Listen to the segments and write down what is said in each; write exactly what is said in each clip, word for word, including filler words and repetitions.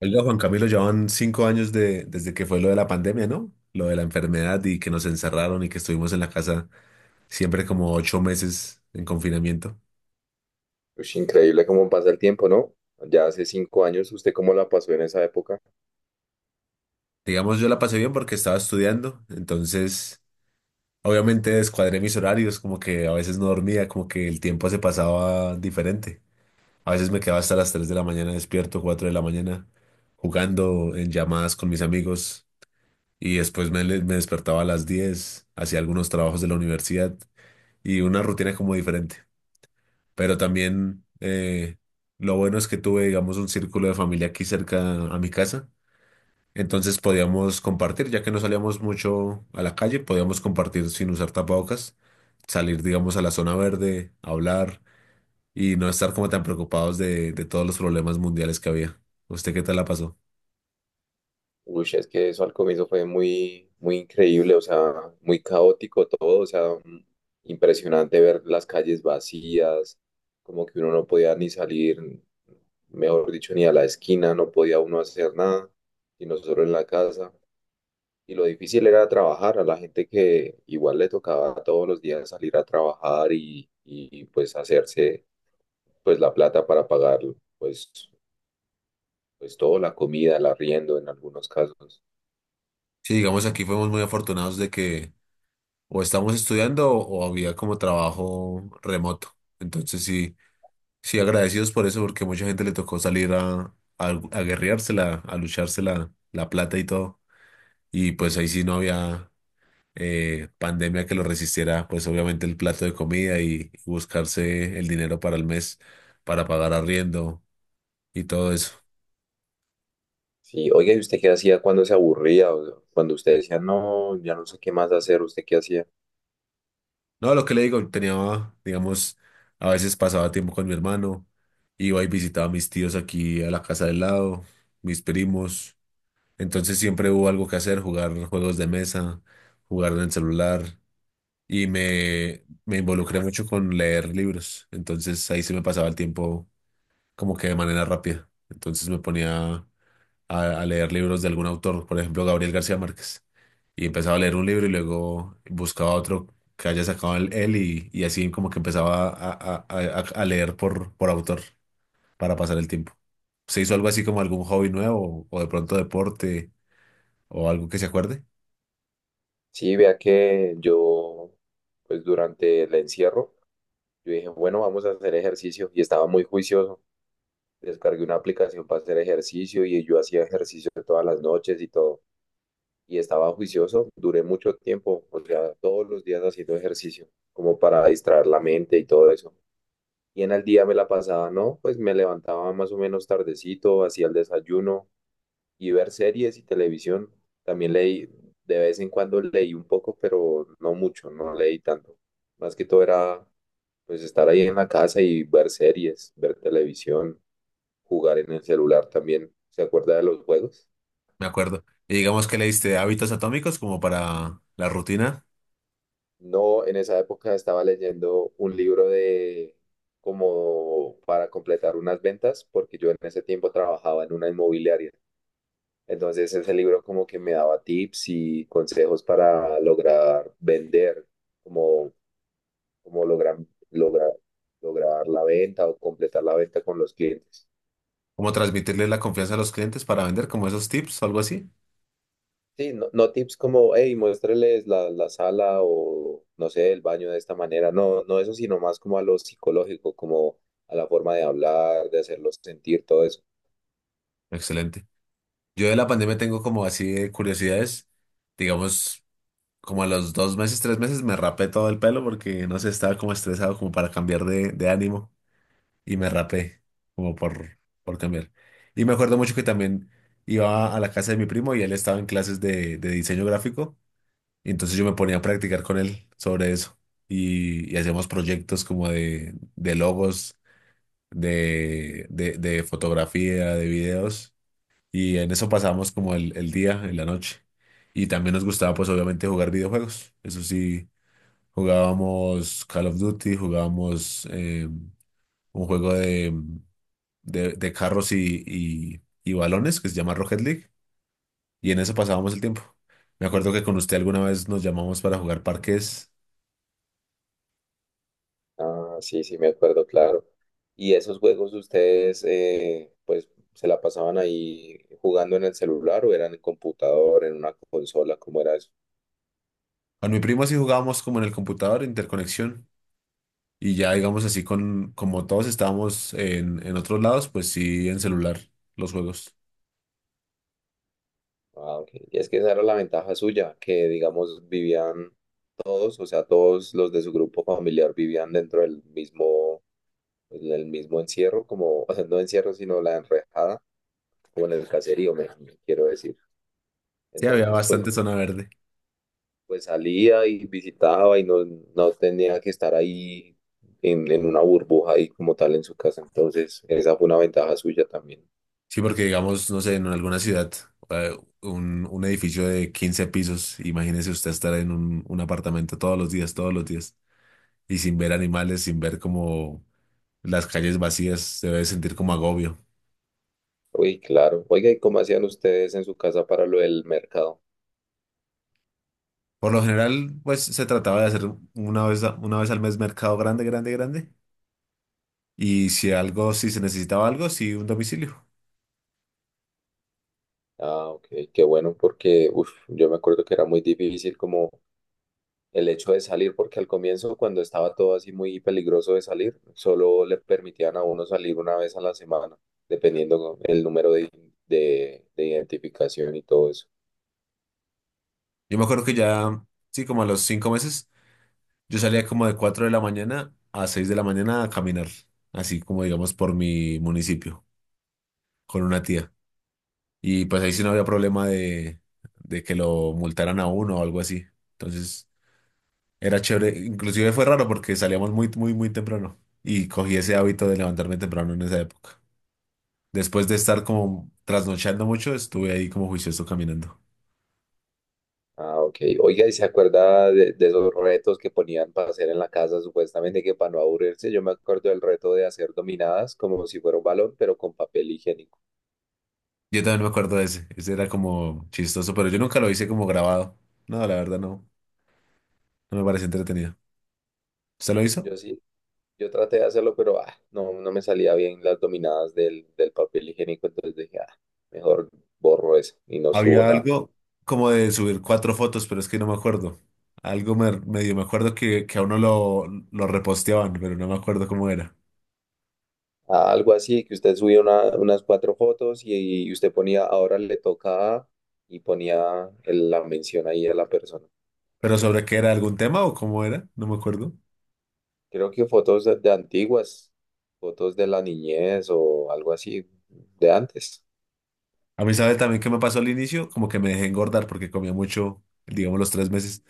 Oiga, Juan Camilo, ya van cinco años de, desde que fue lo de la pandemia, ¿no? Lo de la enfermedad y que nos encerraron y que estuvimos en la casa siempre como ocho meses en confinamiento. Ush, increíble cómo pasa el tiempo, ¿no? Ya hace cinco años, ¿usted cómo la pasó en esa época? Digamos, yo la pasé bien porque estaba estudiando, entonces obviamente descuadré mis horarios, como que a veces no dormía, como que el tiempo se pasaba diferente. A veces me quedaba hasta las tres de la mañana despierto, cuatro de la mañana, jugando en llamadas con mis amigos y después me, me despertaba a las diez, hacía algunos trabajos de la universidad. Y una rutina como diferente. Pero también eh, lo bueno es que tuve, digamos, un círculo de familia aquí cerca a mi casa. Entonces podíamos compartir, ya que no salíamos mucho a la calle, podíamos compartir sin usar tapabocas, salir, digamos, a la zona verde, hablar y no estar como tan preocupados de, de todos los problemas mundiales que había. ¿Usted qué tal la pasó? Uy, es que eso al comienzo fue muy, muy increíble, o sea, muy caótico todo, o sea, mm, impresionante ver las calles vacías, como que uno no podía ni salir, mejor dicho, ni a la esquina, no podía uno hacer nada, y nosotros en la casa. Y lo difícil era trabajar a la gente que igual le tocaba todos los días salir a trabajar y, y pues hacerse pues la plata para pagarlo, pues, pues todo, la comida, el arriendo en algunos casos. Sí, digamos, aquí fuimos muy afortunados de que o estábamos estudiando o había como trabajo remoto. Entonces sí. Sí, agradecidos por eso, porque mucha gente le tocó salir a, a, a guerreársela, a lucharse la, la plata y todo. Y pues ahí sí no había eh, pandemia que lo resistiera, pues obviamente el plato de comida y buscarse el dinero para el mes, para pagar arriendo y todo eso. Sí, oiga, ¿y usted qué hacía cuando se aburría? O cuando usted decía, no, ya no sé qué más hacer, ¿usted qué hacía? No, lo que le digo, tenía, digamos, a veces pasaba tiempo con mi hermano, iba y visitaba a mis tíos aquí a la casa del lado, mis primos. Entonces siempre hubo algo que hacer, jugar juegos de mesa, jugar en el celular y me, me involucré mucho con leer libros. Entonces ahí sí me pasaba el tiempo como que de manera rápida. Entonces me ponía a, a leer libros de algún autor, por ejemplo Gabriel García Márquez. Y empezaba a leer un libro y luego buscaba otro que haya sacado el- él y, y así como que empezaba a, a- a- a leer por, por autor para pasar el tiempo. ¿Se hizo algo así como algún hobby nuevo o de pronto deporte o algo que se acuerde? Sí, vea que yo, pues durante el encierro, yo dije, bueno, vamos a hacer ejercicio y estaba muy juicioso. Descargué una aplicación para hacer ejercicio y yo hacía ejercicio todas las noches y todo. Y estaba juicioso, duré mucho tiempo, o sea, todos los días haciendo ejercicio, como para distraer la mente y todo eso. Y en el día me la pasaba, ¿no? Pues me levantaba más o menos tardecito, hacía el desayuno y ver series y televisión. También leí, de vez en cuando leí un poco, pero no mucho, no leí tanto. Más que todo era pues estar ahí en la casa y ver series, ver televisión, jugar en el celular también. ¿Se acuerda de los juegos? Me acuerdo. Y digamos que le diste hábitos atómicos como para la rutina, No, en esa época estaba leyendo un libro de como para completar unas ventas, porque yo en ese tiempo trabajaba en una inmobiliaria. Entonces ese libro como que me daba tips y consejos para lograr vender, como, como lograr, lograr, lograr la venta o completar la venta con los clientes. como transmitirle la confianza a los clientes para vender, como esos tips o algo así. Sí, no, no tips como, hey, muéstreles la, la sala o, no sé, el baño de esta manera. No, no eso, sino más como a lo psicológico, como a la forma de hablar, de hacerlos sentir, todo eso. Excelente. Yo de la pandemia tengo como así de curiosidades, digamos, como a los dos meses, tres meses me rapé todo el pelo porque no sé, estaba como estresado como para cambiar de, de ánimo y me rapé como por, por cambiar. Y me acuerdo mucho que también iba a la casa de mi primo y él estaba en clases de, de diseño gráfico. Y entonces yo me ponía a practicar con él sobre eso y, y hacíamos proyectos como de, de logos, de, de, de fotografía, de videos y en eso pasábamos como el, el día, en la noche. Y también nos gustaba pues obviamente jugar videojuegos. Eso sí, jugábamos Call of Duty, jugábamos eh, un juego de, de, de carros y, y, y balones que se llama Rocket League y en eso pasábamos el tiempo. Me acuerdo que con usted alguna vez nos llamamos para jugar parques. Ah, sí, sí, me acuerdo, claro. ¿Y esos juegos ustedes, eh, pues, se la pasaban ahí jugando en el celular o eran en computador, en una consola? ¿Cómo era eso? Con mi primo así jugábamos como en el computador, interconexión. Y ya, digamos así, con, como todos estábamos en, en otros lados, pues sí, en celular, los juegos. Ah, ok. Y es que esa era la ventaja suya, que, digamos, vivían todos, o sea, todos los de su grupo familiar vivían dentro del mismo, del mismo encierro, como, o sea, no encierro, sino la enrejada, como en el caserío, me me quiero decir. Sí, había Entonces, pues bastante zona verde. pues salía y visitaba y no, no tenía que estar ahí en, en una burbuja ahí como tal en su casa. Entonces, esa fue una ventaja suya también. Sí, porque digamos, no sé, en alguna ciudad, eh, un, un edificio de quince pisos, imagínese usted estar en un, un apartamento todos los días, todos los días, y sin ver animales, sin ver como las calles vacías, se debe sentir como agobio. Uy, claro. Oiga, ¿y cómo hacían ustedes en su casa para lo del mercado? Por lo general, pues se trataba de hacer una vez, a- una vez al mes mercado grande, grande, grande. Y si algo, si se necesitaba algo, sí, un domicilio. Ah, ok, qué bueno, porque uf, yo me acuerdo que era muy difícil como el hecho de salir, porque al comienzo, cuando estaba todo así muy peligroso de salir, solo le permitían a uno salir una vez a la semana, dependiendo el número de, de de identificación y todo eso. Yo me acuerdo que ya, sí, como a los cinco meses, yo salía como de cuatro de la mañana a seis de la mañana a caminar, así como digamos por mi municipio, con una tía. Y pues ahí sí no había problema de, de que lo multaran a uno o algo así. Entonces era chévere, inclusive fue raro porque salíamos muy, muy, muy temprano y cogí ese hábito de levantarme temprano en esa época. Después de estar como trasnochando mucho, estuve ahí como juicioso caminando. Ah, ok. Oiga, ¿y se acuerda de, de esos retos que ponían para hacer en la casa, supuestamente que para no aburrirse? Yo me acuerdo del reto de hacer dominadas como si fuera un balón, pero con papel higiénico. Yo también me acuerdo de ese. Ese era como chistoso, pero yo nunca lo hice como grabado. No, la verdad no. No me pareció entretenido. ¿Usted lo hizo? Yo sí, yo traté de hacerlo, pero ah, no, no me salía bien las dominadas del, del papel higiénico, entonces dije, ah, mejor borro eso y no subo Había nada. algo como de subir cuatro fotos, pero es que no me acuerdo. Algo me- medio me acuerdo que, que a uno lo, lo reposteaban, pero no me acuerdo cómo era. Ah, algo así, que usted subía una- unas cuatro fotos y, y usted ponía, ahora le toca a", y ponía el- la mención ahí a la persona. ¿Pero sobre qué era? ¿Algún tema o cómo era? No me acuerdo. Creo que fotos de, de antiguas, fotos de la niñez o algo así de antes. A mí, ¿sabe también qué me pasó al inicio? Como que me dejé engordar porque comía mucho, digamos, los tres meses.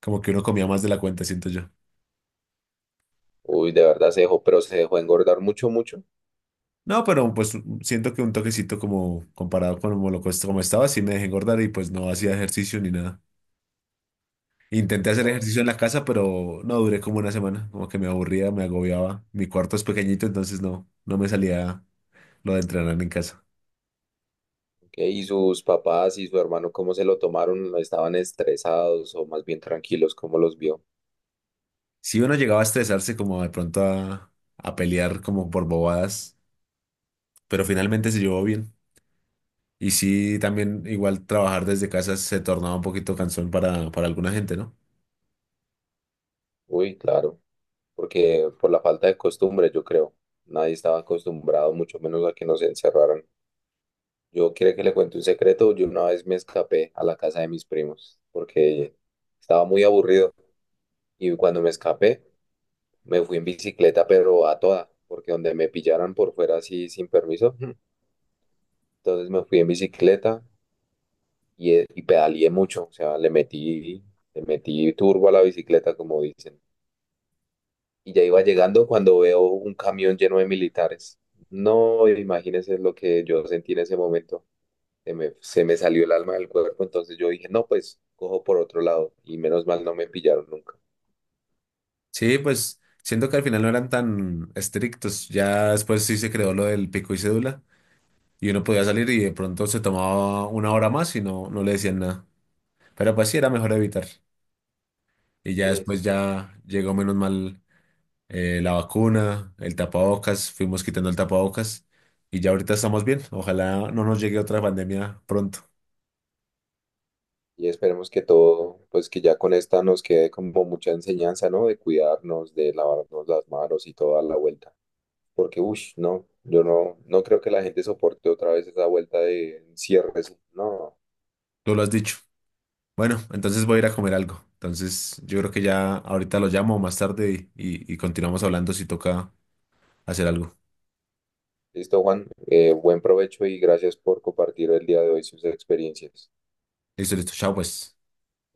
Como que uno comía más de la cuenta, siento yo. Uy, de verdad se dejó, pero se dejó engordar mucho, mucho. No, pero pues siento que un toquecito como comparado con como lo que como estaba, sí me dejé engordar y pues no hacía ejercicio ni nada. Intenté hacer ejercicio en la casa, pero no duré como una semana, como que me aburría, me agobiaba. Mi cuarto es pequeñito, entonces no, no me salía lo de entrenar en casa. Ok, y sus papás y su hermano, ¿cómo se lo tomaron? ¿Estaban estresados o más bien tranquilos? ¿Cómo los vio? Si uno llegaba a estresarse como de pronto a, a pelear como por bobadas, pero finalmente se llevó bien. Y sí, también igual trabajar desde casa se tornaba un poquito cansón para, para alguna gente, ¿no? Uy, claro, porque por la falta de costumbre, yo creo. Nadie estaba acostumbrado, mucho menos a que nos encerraran. Yo quiero que le cuente un secreto. Yo una vez me escapé a la casa de mis primos porque estaba muy aburrido. Y cuando me escapé, me fui en bicicleta, pero a toda, porque donde me pillaran por fuera así sin permiso, entonces me fui en bicicleta y, eh, y pedaleé mucho, o sea, le metí, le metí turbo a la bicicleta, como dicen. Y ya iba llegando cuando veo un camión lleno de militares. No, imagínense lo que yo sentí en ese momento. Se me, se me salió el alma del cuerpo, entonces yo dije, no, pues cojo por otro lado y menos mal no me pillaron nunca. Sí, pues siento que al final no eran tan estrictos. Ya después sí se creó lo del pico y cédula y uno podía salir y de pronto se tomaba una hora más y no, no le decían nada. Pero pues sí era mejor evitar. Y ya Sí, después ya llegó menos mal eh, la vacuna, el tapabocas, fuimos quitando el tapabocas y ya ahorita estamos bien. Ojalá no nos llegue otra pandemia pronto. y esperemos que todo, pues que ya con esta nos quede como mucha enseñanza, ¿no? De cuidarnos, de lavarnos las manos y toda la vuelta. Porque, uff, no, yo no, no creo que la gente soporte otra vez esa vuelta de cierres. No, Tú lo has dicho. Bueno, entonces voy a ir a comer algo. Entonces yo creo que ya ahorita lo llamo más tarde y y- y continuamos hablando si toca hacer algo. listo, Juan. Eh, buen provecho y gracias por compartir el día de hoy sus experiencias. Listo, listo. Chao, pues.